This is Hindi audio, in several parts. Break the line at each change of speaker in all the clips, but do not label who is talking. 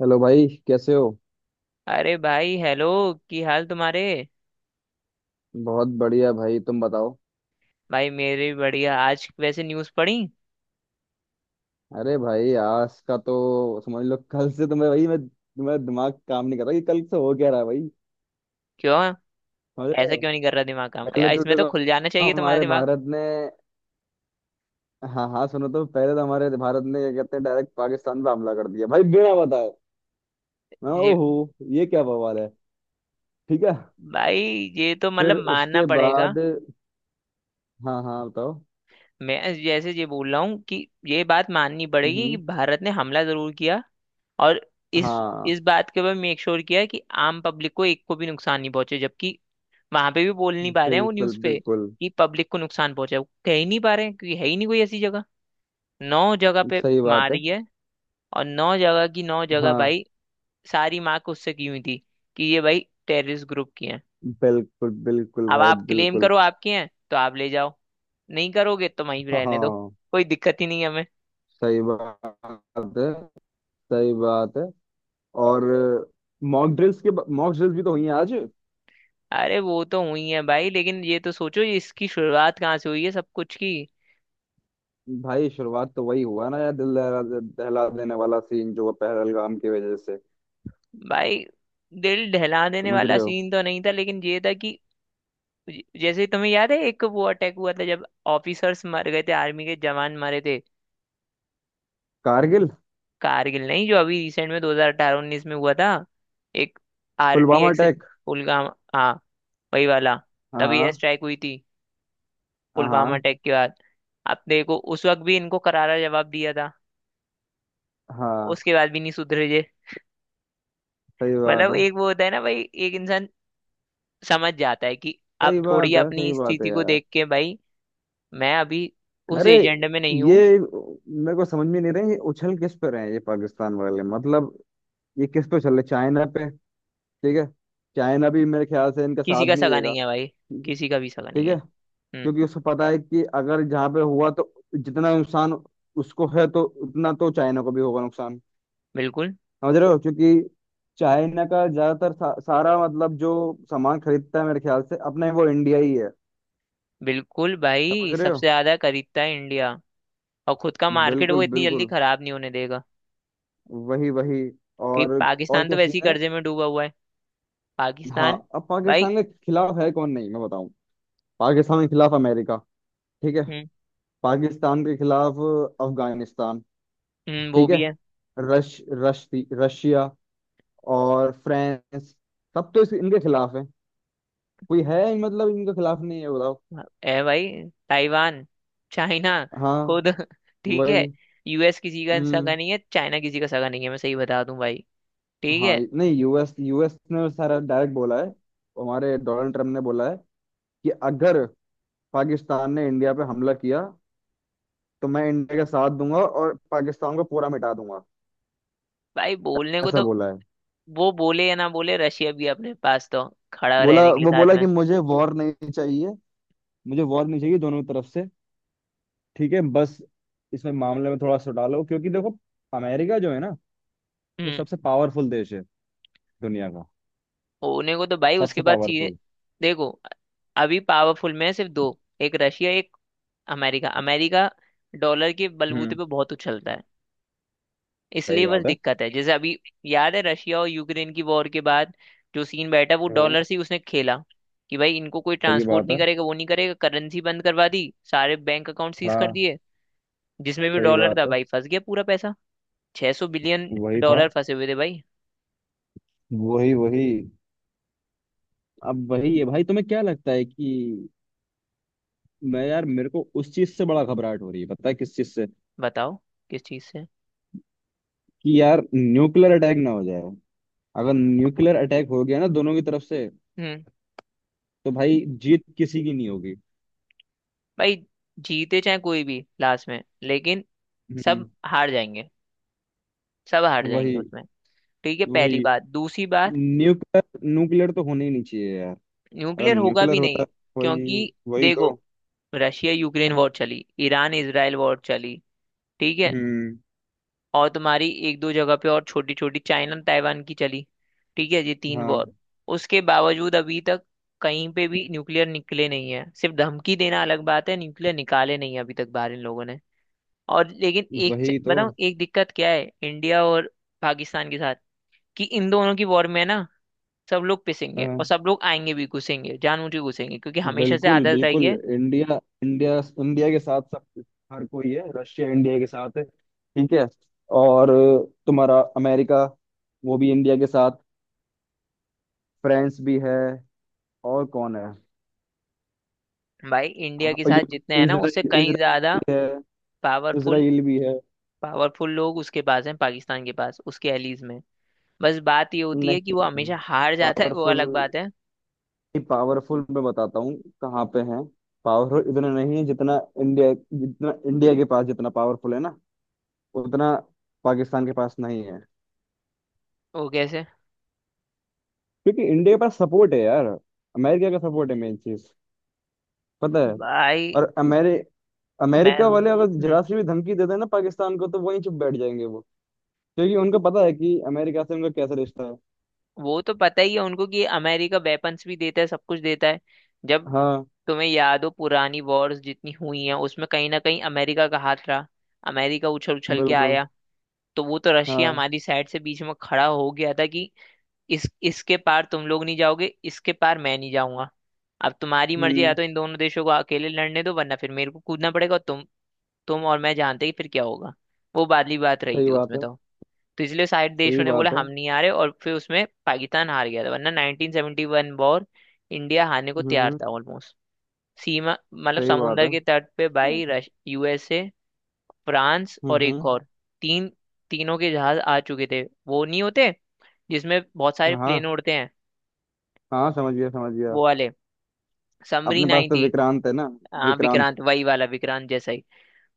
हेलो भाई, कैसे हो।
अरे भाई हेलो। की हाल तुम्हारे।
बहुत बढ़िया भाई, तुम बताओ।
भाई मेरे भी बढ़िया। आज वैसे न्यूज़ पढ़ी।
अरे भाई, आज का तो समझ लो, कल से तुम्हें, भाई मैं, तुम्हारा दिमाग काम नहीं कर रहा कि कल से हो क्या रहा है भाई।
क्यों
समझ रहे
ऐसा
हो।
क्यों नहीं कर रहा दिमाग काम
पहले
या,
तो
इसमें तो
देखो
खुल जाना चाहिए तुम्हारा
हमारे
दिमाग।
भारत ने, हाँ हाँ सुनो तो, पहले तो हमारे भारत ने क्या कहते हैं, डायरेक्ट पाकिस्तान पे हमला कर दिया भाई, बिना बताए।
जी।
ओहो, ये क्या बवाल है। ठीक है।
भाई ये तो
फिर
मतलब मानना
उसके
पड़ेगा।
बाद, हाँ हाँ बताओ।
मैं जैसे ये बोल रहा हूँ कि ये बात माननी पड़ेगी कि
हम्म।
भारत ने हमला जरूर किया और इस
हाँ।
इस बात के ऊपर मेक श्योर किया कि आम पब्लिक को एक को भी नुकसान नहीं पहुंचे, जबकि वहां पे भी बोल नहीं पा रहे हैं वो
बिल्कुल
न्यूज़ पे
बिल्कुल।
कि पब्लिक को नुकसान पहुंचे, वो कह ही नहीं पा रहे हैं क्योंकि है ही नहीं कोई ऐसी जगह। नौ जगह पे
सही बात है।
मारी है और नौ जगह की नौ जगह
हाँ।
भाई सारी मार्क उससे की हुई थी कि ये भाई टेररिस्ट ग्रुप की हैं।
बिल्कुल बिल्कुल
अब
भाई
आप क्लेम
बिल्कुल।
करो आपकी हैं तो आप ले जाओ, नहीं करोगे तो वहीं रहने दो।
हाँ।
कोई दिक्कत ही नहीं है हमें।
सही बात है। सही बात है। और मॉक ड्रिल्स के, मॉक ड्रिल्स भी तो हुई हैं आज।
अरे वो तो हुई है भाई, लेकिन ये तो सोचो ये इसकी शुरुआत कहाँ से हुई है सब कुछ की।
भाई शुरुआत तो वही हुआ ना यार, दिल दहला दहला देने वाला सीन जो हुआ पहलगाम की वजह से।
भाई दिल दहला देने
समझ
वाला
रहे हो।
सीन तो नहीं था, लेकिन ये था कि जैसे तुम्हें याद है एक वो अटैक हुआ था जब ऑफिसर्स मर गए थे, आर्मी के जवान मरे थे।
कारगिल।
कारगिल नहीं, जो अभी रिसेंट में 2018-19 में हुआ था। एक
पुलवामा
आरडीएक्स।
अटैक।
पुलवामा, हाँ वही वाला। तभी एयर
हाँ।
स्ट्राइक हुई थी पुलवामा
हाँ।
अटैक के बाद। आप देखो उस वक्त भी इनको करारा जवाब दिया था।
हाँ।
उसके बाद भी नहीं सुधरे जे।
सही बात
मतलब
है।
एक वो होता है ना भाई, एक इंसान समझ जाता है कि आप
सही
थोड़ी
बात है।
अपनी
सही बात है
स्थिति को
यार।
देख के भाई। मैं अभी उस
अरे,
एजेंडे में नहीं
ये
हूँ।
मेरे को समझ में नहीं रहा, ये उछल किस पे रहे हैं ये पाकिस्तान वाले, मतलब ये किस पे चल रहे, चाइना पे। ठीक है। चाइना भी मेरे ख्याल से इनका
किसी
साथ
का
नहीं
सगा
देगा।
नहीं है भाई।
ठीक है।
किसी का भी सगा नहीं
ठीक
है।
है।
हम्म।
क्योंकि उसको पता है कि अगर जहाँ पे हुआ तो जितना नुकसान उसको है तो उतना तो चाइना को भी होगा नुकसान।
बिल्कुल
समझ रहे हो, क्योंकि चाइना का ज्यादातर सारा, मतलब जो सामान खरीदता है मेरे ख्याल से अपने, वो इंडिया ही है।
बिल्कुल
समझ
भाई
रहे हो।
सबसे ज्यादा खरीदता है इंडिया। और खुद का मार्केट
बिल्कुल
वो इतनी जल्दी
बिल्कुल।
खराब नहीं होने देगा।
वही वही।
कि
और और
पाकिस्तान तो
क्या
वैसे
सीन
ही
है।
कर्जे में डूबा हुआ है।
हाँ,
पाकिस्तान।
अब
भाई।
पाकिस्तान के खिलाफ है कौन नहीं, मैं बताऊं। पाकिस्तान के खिलाफ अमेरिका। ठीक है।
हम्म,
पाकिस्तान के खिलाफ अफगानिस्तान।
वो
ठीक
भी
है।
है।
रश रश रशिया और फ्रांस, सब तो इनके खिलाफ है। कोई है ही मतलब इनके खिलाफ नहीं है, बताओ।
है भाई, ताइवान, चाइना
हाँ।
खुद ठीक
वही।
है। यूएस किसी का
हम्म।
सगा नहीं है, चाइना किसी का सगा नहीं है, मैं सही बता दूं भाई। ठीक
हाँ
है।
नहीं, यूएस यूएस ने सारा डायरेक्ट बोला है। हमारे डोनाल्ड ट्रम्प ने बोला है कि अगर पाकिस्तान ने इंडिया पे हमला किया तो मैं इंडिया का साथ दूंगा और पाकिस्तान को पूरा मिटा दूंगा।
भाई बोलने को
ऐसा
तो
बोला है।
वो बोले या ना बोले, रशिया भी है अपने पास तो खड़ा
बोला,
रहने के लिए
वो
साथ
बोला
में।
कि मुझे वॉर नहीं चाहिए, मुझे वॉर नहीं चाहिए दोनों तरफ से। ठीक है, बस। इसमें मामले में थोड़ा सा डालो क्योंकि देखो, अमेरिका जो है ना, वो
हम्म।
सबसे पावरफुल देश है दुनिया का।
होने को तो भाई उसके
सबसे
बाद सीधे।
पावरफुल।
देखो अभी पावरफुल में है सिर्फ दो, एक रशिया एक अमेरिका। अमेरिका डॉलर के बलबूते
हम्म।
पे बहुत उछलता है।
सही
इसलिए बस
बात है।
दिक्कत है। जैसे अभी याद है रशिया और यूक्रेन की वॉर के बाद जो सीन बैठा वो
हाँ।
डॉलर से ही उसने खेला, कि भाई इनको कोई
सही
ट्रांसपोर्ट
बात
नहीं
है।
करेगा, वो नहीं करेगा, करेंसी बंद करवा दी, सारे बैंक अकाउंट सीज कर
हाँ।
दिए। जिसमें भी
सही
डॉलर था
बात है।
भाई फंस गया पूरा पैसा। 600 बिलियन
वही था।
डॉलर फंसे हुए थे भाई।
वही वही। अब वही है भाई, तुम्हें क्या लगता है कि, मैं यार मेरे को उस चीज से बड़ा घबराहट हो रही है, पता है किस चीज से,
बताओ किस चीज से।
कि यार न्यूक्लियर अटैक ना हो जाए। अगर न्यूक्लियर अटैक हो गया ना दोनों की तरफ से,
हम्म।
तो भाई जीत किसी की नहीं होगी।
भाई जीते चाहे कोई भी लास्ट में, लेकिन
हम्म।
सब हार जाएंगे। सब हार
वही
जाएंगे उसमें। ठीक है, पहली
वही।
बात। दूसरी बात,
न्यूक्लियर, न्यूक्लियर तो होना ही नहीं चाहिए यार। अगर
न्यूक्लियर होगा
न्यूक्लियर
भी नहीं।
होता, वही।
क्योंकि
वही
देखो
तो।
रशिया यूक्रेन वॉर चली, ईरान इसराइल वॉर चली, ठीक है,
हम्म।
और तुम्हारी एक दो जगह पे और छोटी छोटी चाइना ताइवान की चली। ठीक है ये तीन
हाँ।
वॉर। उसके बावजूद अभी तक कहीं पे भी न्यूक्लियर निकले नहीं है। सिर्फ धमकी देना अलग बात है, न्यूक्लियर निकाले नहीं है अभी तक बाहर इन लोगों ने। और लेकिन एक
वही तो।
बताऊं एक दिक्कत क्या है इंडिया और पाकिस्तान के साथ। कि इन दोनों की वॉर में ना सब लोग पिसेंगे
हाँ,
और सब लोग आएंगे भी, घुसेंगे, जानबूझ के घुसेंगे, क्योंकि हमेशा से
बिल्कुल
आदत रही
बिल्कुल।
है।
इंडिया, इंडिया, इंडिया के साथ सब, हर कोई है। रशिया इंडिया के साथ है। ठीक है। और तुम्हारा अमेरिका, वो भी इंडिया के साथ। फ्रांस भी है। और कौन है।
भाई इंडिया
हाँ,
के साथ जितने
यु-
हैं ना उससे
इजराइल,
कहीं
इजराइल
ज्यादा
भी है।
पावरफुल,
इजराइल भी है।
पावरफुल लोग उसके पास हैं पाकिस्तान के पास, उसके एलीज में। बस बात ये होती है कि वो
नहीं,
हमेशा हार जाता है, वो
पावरफुल,
अलग बात है।
पावरफुल मैं बताता हूँ कहाँ पे है। पावरफुल इतना नहीं है जितना इंडिया, जितना इंडिया के पास जितना पावरफुल है ना, उतना पाकिस्तान के पास नहीं है।
वो कैसे।
क्योंकि इंडिया के पास सपोर्ट है यार, अमेरिका का सपोर्ट है, मेन चीज, पता है।
भाई।
और अमेरिका
मैम।
वाले अगर
हम्म,
जरा सी भी धमकी दे देना ना पाकिस्तान को, तो वहीं चुप बैठ जाएंगे वो। क्योंकि उनको पता है कि अमेरिका से उनका कैसा रिश्ता है।
वो तो पता ही है उनको कि अमेरिका वेपन्स भी देता है, सब कुछ देता है। जब
हाँ।
तुम्हें याद हो पुरानी वॉर्स जितनी हुई हैं उसमें कहीं ना कहीं अमेरिका का हाथ रहा, अमेरिका उछल उछल के
बिल्कुल।
आया। तो वो तो रशिया
हाँ।
हमारी साइड से बीच में खड़ा हो गया था कि इस इसके पार तुम लोग नहीं जाओगे, इसके पार मैं नहीं जाऊंगा। अब तुम्हारी मर्जी, या
हम्म।
तो इन दोनों देशों को अकेले लड़ने दो वरना फिर मेरे को कूदना पड़ेगा, और तुम और मैं जानते ही फिर क्या होगा। वो वाली बात रही
सही
थी
बात
उसमें
है।
तो। तो इसलिए साइड
सही
देशों ने बोला
बात है।
हम नहीं आ रहे, और फिर उसमें पाकिस्तान हार गया था, वरना 1971 वॉर इंडिया हारने को
हम्म।
तैयार था ऑलमोस्ट। सीमा मतलब
सही बात
समुंदर
है।
के तट पे
हम्म।
भाई रश, यूएसए, फ्रांस और
हम्म।
एक और। तीन, तीनों के जहाज आ चुके थे। वो नहीं होते जिसमें बहुत सारे
हाँ।
प्लेन उड़ते हैं,
हाँ समझ गया, समझ गया।
वो वाले। समरी
अपने पास तो
90।
विक्रांत है ना।
हाँ
विक्रांत।
विक्रांत वही वाला, विक्रांत जैसा ही।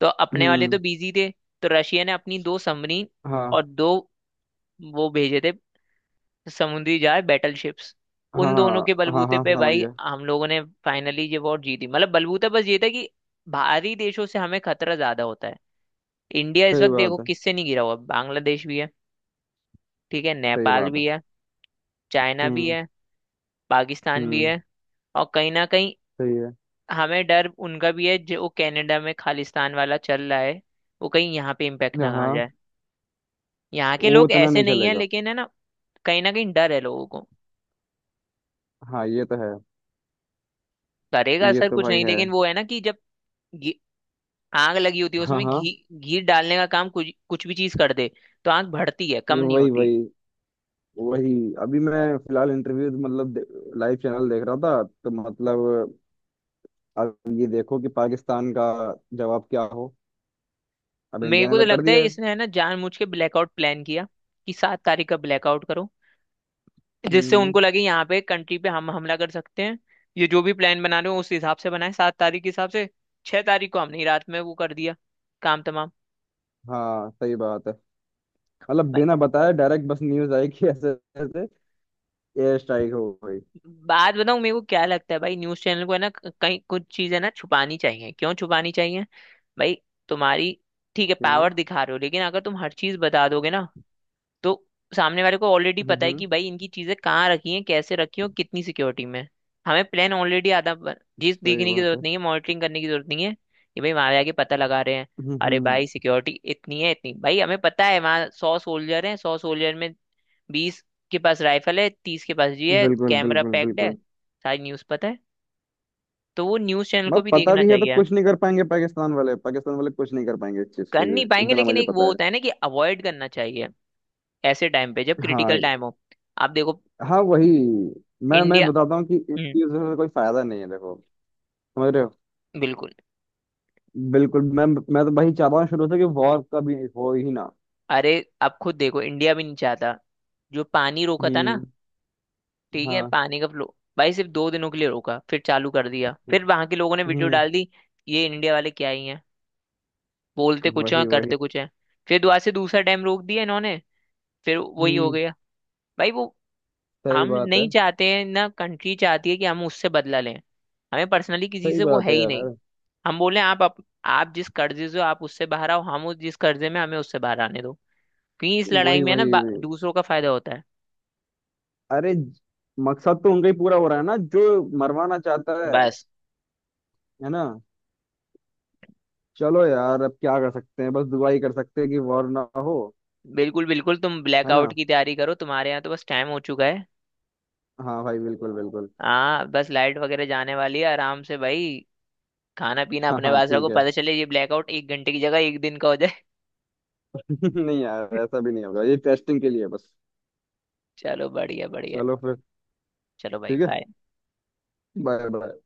तो अपने वाले तो
हम्म।
बिजी थे। तो रशिया ने अपनी दो समरी
हाँ
और दो वो भेजे थे, समुद्री जहाज बैटल शिप्स।
हाँ
उन दोनों के
हाँ हाँ,
बलबूते
हाँ
पे
समझ
भाई
गया।
हम लोगों ने फाइनली ये वॉर जीती। मतलब बलबूता बस ये था कि बाहरी देशों से हमें खतरा ज्यादा होता है। इंडिया इस
सही
वक्त देखो
बात है।
किससे नहीं घिरा हुआ। बांग्लादेश भी है, ठीक है,
सही
नेपाल
बात है।
भी है, चाइना भी
हम्म।
है, पाकिस्तान भी
हम्म।
है। और कहीं ना कहीं
सही है।
हमें डर उनका भी है जो वो कनाडा में खालिस्तान वाला चल रहा है, वो कहीं यहाँ पे इम्पेक्ट ना आ
हाँ,
जाए। यहाँ के
वो
लोग
इतना
ऐसे
नहीं
नहीं है
चलेगा।
लेकिन है ना, कहीं ना कहीं डर है लोगों को।
हाँ ये तो है।
करेगा
ये
असर
तो
कुछ
भाई
नहीं,
है।
लेकिन वो है ना कि जब घी- आग लगी होती है
हाँ
उसमें
हाँ।
घी, घी डालने का काम कुछ कुछ भी चीज कर दे, तो आग बढ़ती है, कम नहीं
वही
होती।
वही। वही अभी मैं फिलहाल इंटरव्यू, मतलब लाइव चैनल देख रहा था तो, मतलब अब ये देखो कि पाकिस्तान का जवाब क्या हो, अब
मेरे
इंडिया ने
को तो
तो कर
लगता है
दिया है।
इसने है ना जानबूझ के ब्लैकआउट प्लान किया, कि सात तारीख का ब्लैकआउट करो जिससे
हम्म।
उनको लगे यहाँ पे कंट्री पे हम हमला कर सकते हैं। ये जो भी प्लान बना रहे हो उस हिसाब से बनाए, सात तारीख के हिसाब से। छह तारीख को हमने ही रात में वो कर दिया, काम तमाम।
हाँ सही बात है। मतलब
भाई,
बिना बताए डायरेक्ट, बस न्यूज आई कि ऐसे, ऐसे एयर स्ट्राइक हो गई।
बात बताऊं मेरे को क्या लगता है। भाई न्यूज चैनल को है ना कई कुछ चीजें ना छुपानी चाहिए, क्यों छुपानी चाहिए। भाई तुम्हारी, ठीक है
क्यों।
पावर दिखा रहे हो, लेकिन अगर तुम हर चीज बता दोगे ना तो सामने वाले को ऑलरेडी पता है
हम्म।
कि भाई इनकी चीजें कहाँ रखी हैं, कैसे रखी हैं और कितनी सिक्योरिटी में। हमें प्लान ऑलरेडी आधा चीज
सही
देखने की
बात
जरूरत
है।
नहीं है, मॉनिटरिंग करने की जरूरत नहीं है कि भाई वहां जाके पता लगा रहे हैं। अरे
हम्म।
भाई सिक्योरिटी इतनी है, इतनी भाई हमें पता है वहाँ सौ सोल्जर हैं, सौ सोल्जर में बीस के पास राइफल है, तीस के पास जी है,
बिल्कुल
कैमरा
बिल्कुल
पैक्ड है।
बिल्कुल।
सारी न्यूज पता है, तो वो न्यूज चैनल को
मतलब
भी
पता
देखना
भी है तो
चाहिए।
कुछ नहीं कर पाएंगे पाकिस्तान वाले, पाकिस्तान वाले कुछ नहीं कर पाएंगे इस चीज के
कर
लिए,
नहीं पाएंगे,
इतना
लेकिन
मुझे
एक वो
पता है।
होता है ना कि अवॉइड करना चाहिए ऐसे टाइम पे, जब क्रिटिकल
हाँ।
टाइम हो। आप देखो
हाँ वही। मैं
इंडिया।
बताता हूँ कि इन
हम्म।
चीजों से कोई फायदा नहीं है, देखो। समझ रहे हो।
बिल्कुल।
बिल्कुल। मैं तो वही चाहता हूँ शुरू से कि वॉर कभी हो ही ना।
अरे आप खुद देखो इंडिया भी नहीं चाहता। जो पानी रोका था ना,
हम्म।
ठीक है,
हाँ।
पानी का फ्लो भाई सिर्फ दो दिनों के लिए रोका फिर चालू कर दिया, फिर वहां के लोगों ने वीडियो
हम्म।
डाल दी ये इंडिया वाले क्या ही हैं, बोलते कुछ हैं
वही वही।
करते कुछ हैं। फिर दोबारा से दूसरा डैम रोक दिया इन्होंने, फिर वही हो
हम्म।
गया। भाई वो
सही
हम
बात है।
नहीं चाहते हैं, ना कंट्री चाहती है कि हम उससे बदला लें। हमें पर्सनली किसी
सही
से वो
बात
है
है
ही नहीं।
यार।
हम बोले आप जिस कर्जे से हो आप उससे बाहर आओ, हम उस जिस कर्जे में हमें उससे बाहर आने दो। क्योंकि इस लड़ाई
वही
में है ना
वही वही।
दूसरों का फायदा होता है।
अरे, मकसद तो उनका ही पूरा हो रहा है ना जो मरवाना चाहता है।
बस।
है ना। चलो यार अब क्या कर सकते हैं, बस दुआ ही कर सकते हैं कि वॉर ना हो।
बिल्कुल बिल्कुल, तुम
है
ब्लैकआउट
ना।
की तैयारी करो, तुम्हारे यहाँ तो बस टाइम हो चुका है।
हाँ भाई बिल्कुल बिल्कुल।
हाँ बस लाइट वगैरह जाने वाली है आराम से भाई। खाना पीना
हाँ
अपने
हाँ
पास
ठीक
रखो,
है।
पता चले ये ब्लैकआउट एक घंटे की जगह एक दिन का हो जाए।
नहीं यार ऐसा भी नहीं होगा, ये टेस्टिंग के लिए है बस।
चलो बढ़िया बढ़िया।
चलो फिर।
चलो भाई
ठीक है।
बाय।
Bye bye.